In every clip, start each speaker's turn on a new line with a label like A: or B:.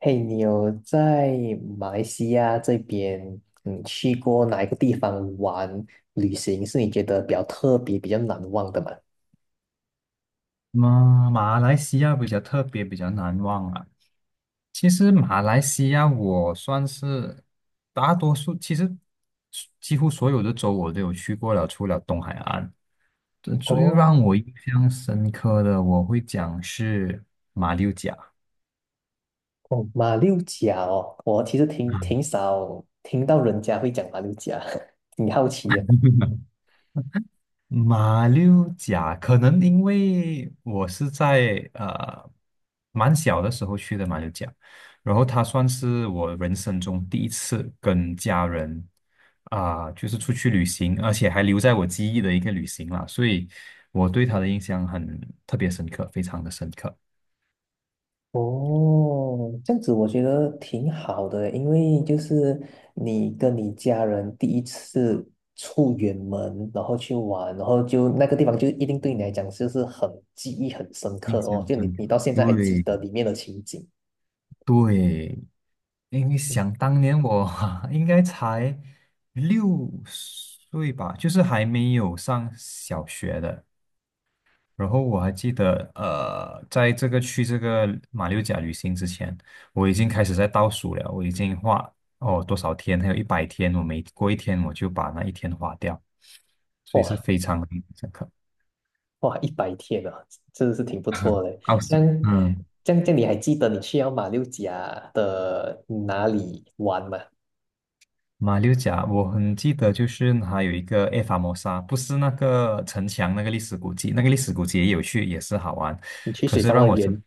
A: 嘿，你有在马来西亚这边，去过哪一个地方玩旅行是你觉得比较特别、比较难忘的吗？
B: 马来西亚比较特别，比较难忘啊。其实马来西亚我算是大多数，其实几乎所有的州我都有去过了，除了东海岸。这最
A: 哦，
B: 让我印象深刻的，我会讲是马六甲。
A: 哦，马六甲哦，我其实挺少听到人家会讲马六甲，挺好奇
B: 马六甲可能因为我是在蛮小的时候去的马六甲，然后它算是我人生中第一次跟家人就是出去旅行，而且还留在我记忆的一个旅行啦，所以我对它的印象很特别深刻，非常的深刻，
A: 哦，这样子我觉得挺好的，因为就是你跟你家人第一次出远门，然后去玩，然后就那个地方就一定对你来讲就是很记忆很深刻
B: 印
A: 哦，
B: 象
A: 就
B: 深
A: 你
B: 刻。
A: 你到现在还记
B: 对
A: 得里面的情景。
B: 对，因为
A: 嗯。
B: 想当年我 应该才6岁吧，就是还没有上小学的。然后我还记得，在去这个马六甲旅行之前，我已经开始在倒数了，我已经多少天，还有100天，我每过一天我就把那一天花掉，所以是
A: 哇，
B: 非常印象深刻。
A: 哇，100天啊，真的是挺不错的。
B: 奥
A: 这
B: 斯，
A: 样
B: 嗯。
A: 这样你还记得你去到马六甲的哪里玩吗？
B: 马六甲，我很记得，就是还有一个埃法摩沙，不是那个城墙那个历史古迹，那个历史古迹也有去，也是好玩。
A: 你去
B: 可
A: 水
B: 是
A: 上
B: 让
A: 乐
B: 我想
A: 园？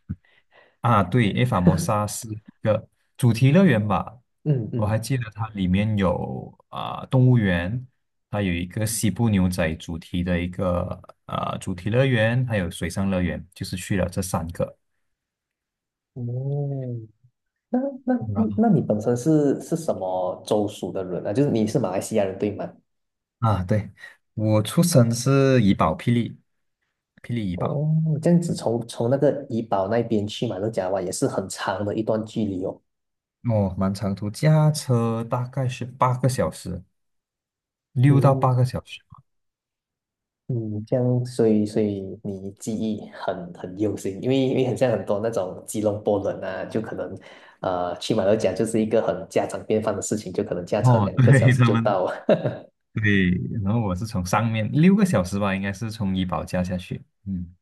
B: 啊，对，埃法摩沙是一个主题乐园吧？
A: 嗯
B: 我还
A: 嗯。
B: 记得它里面有动物园，它有一个西部牛仔主题的一个主题乐园，还有水上乐园，就是去了这三个。
A: 哦，那那
B: 然后
A: 那你本身是什么州属的人啊？就是你是马来西亚人对吗？
B: 啊，对，我出生是怡宝，霹雳，霹雳怡宝。
A: 哦，这样子从那个怡保那边去马六甲湾也是很长的一段距离哦。
B: 哦，蛮长途，驾车大概是八个小时，六到八
A: 嗯
B: 个小时。
A: 嗯，这样，所以你记忆很用心，因为很像很多那种吉隆坡人啊，就可能去马六甲就是一个很家常便饭的事情，就可能驾车
B: 哦，
A: 两 个小
B: 对，
A: 时就到。
B: 对，然后我是从上面6个小时吧，应该是从怡保驾下去。嗯，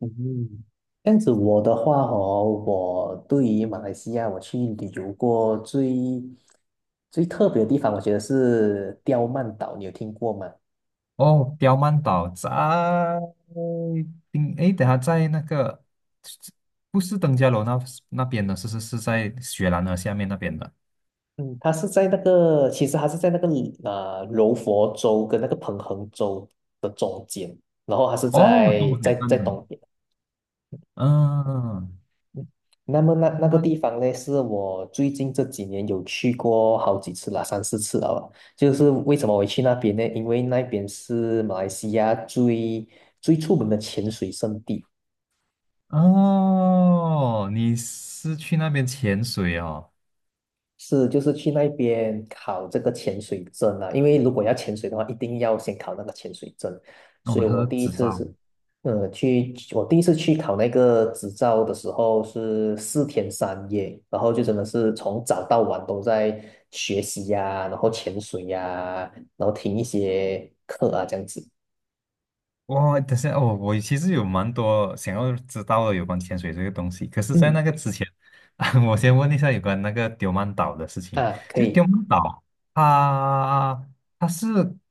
A: 嗯，这样子我的话哦，我对于马来西亚我去旅游过最特别的地方，我觉得是刁曼岛，你有听过吗？
B: 哦，刁曼岛在诶，等下在那个不是登嘉楼那边的，是是是在雪兰莪下面那边的。
A: 嗯，它是在那个，其实它是在那个柔佛州跟那个彭亨州的中间，然后它是
B: 哦，东
A: 在
B: 海
A: 在
B: 岸
A: 在
B: 的。
A: 东边。
B: 嗯，
A: 那么
B: 刁
A: 那个
B: 曼，
A: 地方呢，是我最近这几年有去过好几次了，三四次了吧。就是为什么我会去那边呢？因为那边是马来西亚最出名的潜水圣地。
B: 哦，你是去那边潜水哦？
A: 是，就是去那边考这个潜水证啊，因为如果要潜水的话，一定要先考那个潜水证。所
B: 哦，
A: 以
B: 他
A: 我
B: 的
A: 第一
B: 执
A: 次
B: 照。
A: 是，去我第一次去考那个执照的时候是4天3夜，然后就真的是从早到晚都在学习呀、然后潜水呀、然后听一些课啊，这样子。
B: 哇，等下哦，我其实有蛮多想要知道的有关潜水这个东西，可是，在那
A: 嗯。
B: 个之前，啊我先问一下有关那个丢曼岛的事情。
A: 啊，可
B: 就
A: 以。
B: 丢曼岛，它它是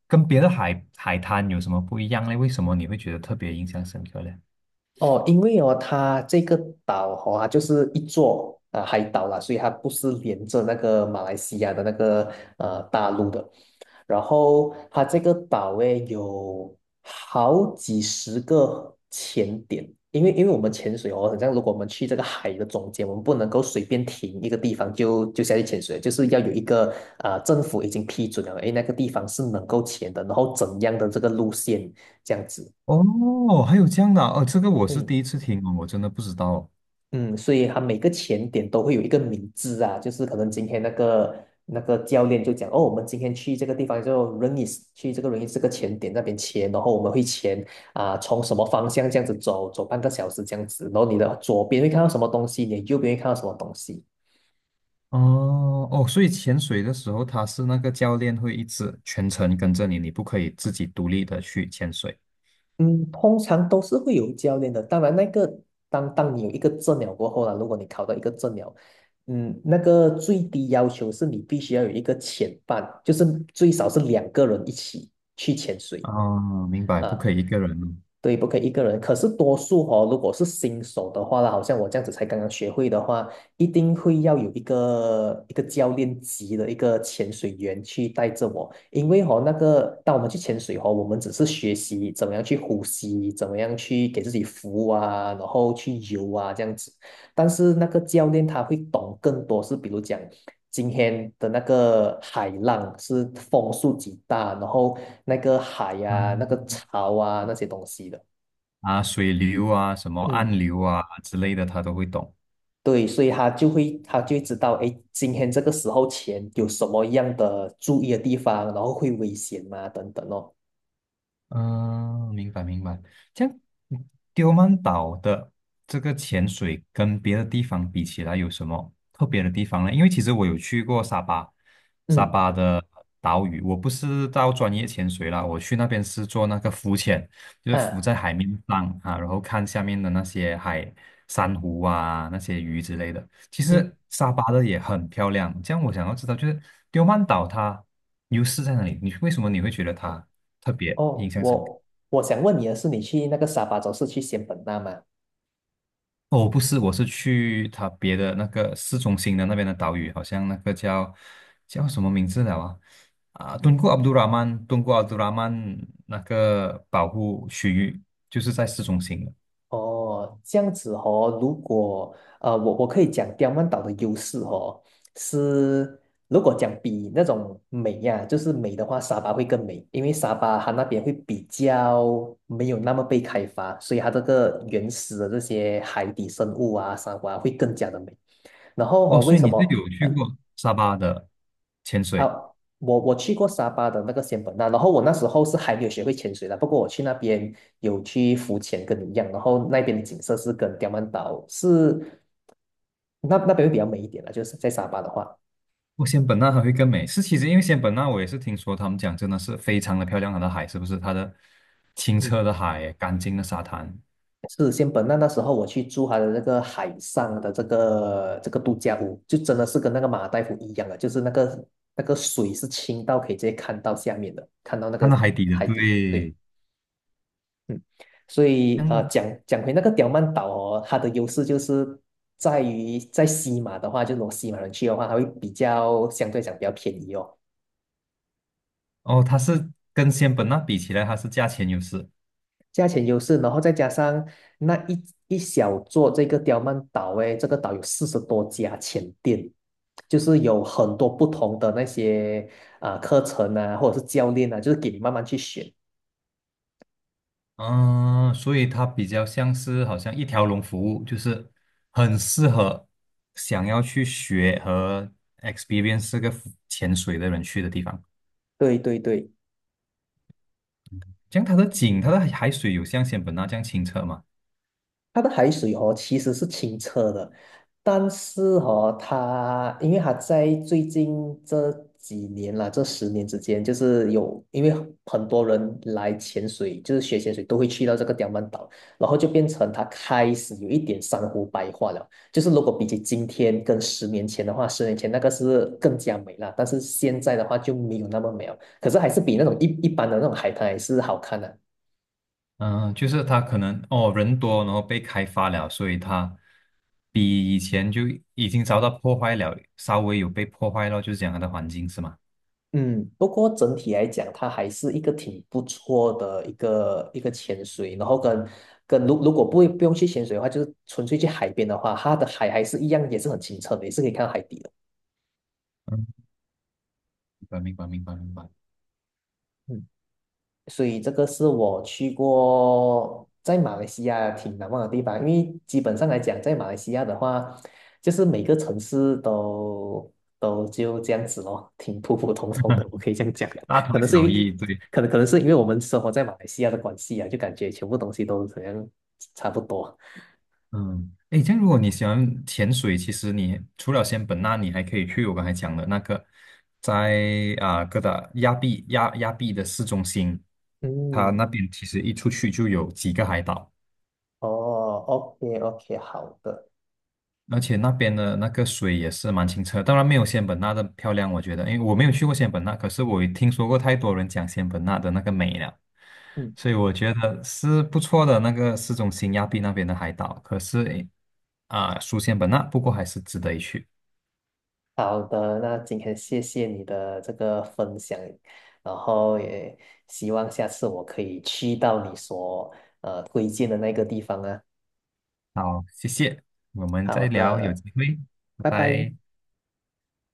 B: 跟别的海滩有什么不一样呢？为什么你会觉得特别印象深刻呢？
A: 哦，因为哦，它这个岛哦，它就是一座啊、海岛啦，所以它不是连着那个马来西亚的那个大陆的。然后它这个岛诶有好几十个潜点，因为我们潜水哦，好像如果我们去这个海的中间，我们不能够随便停一个地方就下去潜水，就是要有一个啊、政府已经批准了，诶，那个地方是能够潜的，然后怎样的这个路线这样子。
B: 哦，还有这样的啊哦，这个我是
A: 对。
B: 第一次听哦，我真的不知道
A: 嗯，所以他每个前点都会有一个名字啊，就是可能今天那个教练就讲，哦，我们今天去这个地方就 is 去这个 is 这个前点那边签，然后我们会签啊、从什么方向这样子走，走半个小时这样子，然后你的左边会看到什么东西，你的右边会看到什么东西。
B: 哦。哦，所以潜水的时候，它是那个教练会一直全程跟着你，你不可以自己独立的去潜水。
A: 嗯，通常都是会有教练的。当然，那个当你有一个证了过后啦，如果你考到一个证了，嗯，那个最低要求是你必须要有一个潜伴，就是最少是2个人一起去潜水。
B: 哦，明白，
A: 啊，
B: 不可以一个人。
A: 对，不可以一个人。可是多数哦，如果是新手的话啦，好像我这样子才刚刚学会的话，一定会要有一个教练级的一个潜水员去带着我，因为哦，那个当我们去潜水哦，我们只是学习怎么样去呼吸，怎么样去给自己浮啊，然后去游啊这样子。但是那个教练他会懂更多，是比如讲。今天的那个海浪是风速极大，然后那个海呀、那个
B: 嗯
A: 潮啊那些东西的。
B: 啊，水流啊，什么
A: 嗯，
B: 暗流啊之类的，他都会懂。
A: 对，所以他就会知道，哎，今天这个时候前有什么样的注意的地方，然后会危险吗？等等哦。
B: 嗯，明白明白。这样，嗯丢曼岛的这个潜水跟别的地方比起来，有什么特别的地方呢？因为其实我有去过沙巴，沙
A: 嗯。
B: 巴的岛屿，我不是到专业潜水啦，我去那边是做那个浮潜，就是浮
A: 啊。
B: 在海面上啊，然后看下面的那些海珊瑚啊，那些鱼之类的。其
A: 嗯。
B: 实沙巴的也很漂亮。这样，我想要知道，就是丢曼岛它优势在哪里？你为什么会觉得它特别
A: 哦，
B: 印象深刻。
A: 我想问你的是，你去那个沙巴州是去仙本那吗？
B: 哦，不是，我是去它别的那个市中心的那边的岛屿，好像那个叫什么名字了啊？啊，敦煌阿卜杜拉曼那个保护区域就是在市中心的。
A: 哦，这样子哦，如果我可以讲刁曼岛的优势哦，是如果讲比那种美呀、就是美的话，沙巴会更美，因为沙巴它那边会比较没有那么被开发，所以它这个原始的这些海底生物啊、沙瑚啊会更加的美。然后
B: 哦，
A: 哦，为
B: 所以
A: 什
B: 你是
A: 么？
B: 有去过沙巴的潜
A: 啊，
B: 水？
A: 我去过沙巴的那个仙本那，然后我那时候是还没有学会潜水的，不过我去那边有去浮潜，跟你一样，然后那边的景色是跟刁曼岛是那边会比较美一点了，就是在沙巴的话，
B: 我仙本那还会更美，是其实因为仙本那我也是听说他们讲真的是非常的漂亮，它的海是不是？它的清
A: 嗯，
B: 澈的海，干净的沙滩，
A: 是仙本那那时候我去住他的那个海上的这个度假屋，就真的是跟那个马尔代夫一样的，就是那个水是清到可以直接看到下面的，看到那
B: 看到
A: 个
B: 海底的，
A: 海底，对。
B: 对，
A: 嗯，所以
B: 像
A: 讲回那个刁曼岛哦，它的优势就是在于在西马的话，就是如果西马人去的话，它会比较相对讲比较便宜哦，
B: 哦，它是跟仙本那比起来，它是价钱优势，
A: 价钱优势，然后再加上那一小座这个刁曼岛，诶，这个岛有40多家前店，就是有很多不同的那些啊、课程啊，或者是教练啊，就是给你慢慢去选。
B: 嗯，所以它比较像是好像一条龙服务，就是很适合想要去学和 experience 这个浮潜水的人去的地方。
A: 对，对，对。
B: 像它的景，它的海水有像仙本那这样清澈吗？
A: 它的海水哦，其实是清澈的，但是哦，它因为它在最近这几年啦，这10年之间，就是有因为很多人来潜水，就是学潜水都会去到这个刁曼岛，然后就变成它开始有一点珊瑚白化了。就是如果比起今天跟十年前的话，十年前那个是更加美了，但是现在的话就没有那么美了，可是还是比那种一般的那种海滩还是好看的。
B: 嗯，就是它可能人多，然后被开发了，所以它比以前就已经遭到破坏了，稍微有被破坏了，就是讲它的环境是吗？
A: 嗯，不过整体来讲，它还是一个挺不错的一个潜水，然后跟如果不用去潜水的话，就是纯粹去海边的话，它的海还是一样，也是很清澈的，也是可以看到海底的。
B: 嗯，明白明白明白明白。
A: 嗯。所以这个是我去过在马来西亚挺难忘的地方，因为基本上来讲，在马来西亚的话，就是每个城市都就这样子咯，挺普普通通的，我可以这样讲。
B: 大
A: 可
B: 同
A: 能是
B: 小
A: 因为，
B: 异，对，
A: 可能是因为我们生活在马来西亚的关系啊，就感觉全部东西都好像差不多。
B: 嗯，诶，这样如果你喜欢潜水，其实你除了仙本那，你还可以去我刚才讲的那个，在哥打亚庇的市中心，它
A: 嗯，
B: 那边其实一出去就有几个海岛，
A: 哦，OK OK，好的。
B: 而且那边的那个水也是蛮清澈，当然没有仙本那的漂亮，我觉得，因为我没有去过仙本那，可是我也听说过太多人讲仙本那的那个美了。
A: 嗯。
B: 所以我觉得是不错的那个市中心亚庇那边的海岛，可是诶啊，书香本那，不过还是值得一去。
A: 好的，那今天谢谢你的这个分享，然后也希望下次我可以去到你所推荐的那个地方啊。
B: 好，谢谢，我们
A: 好
B: 再聊，有
A: 的，
B: 机会，拜
A: 拜拜。
B: 拜。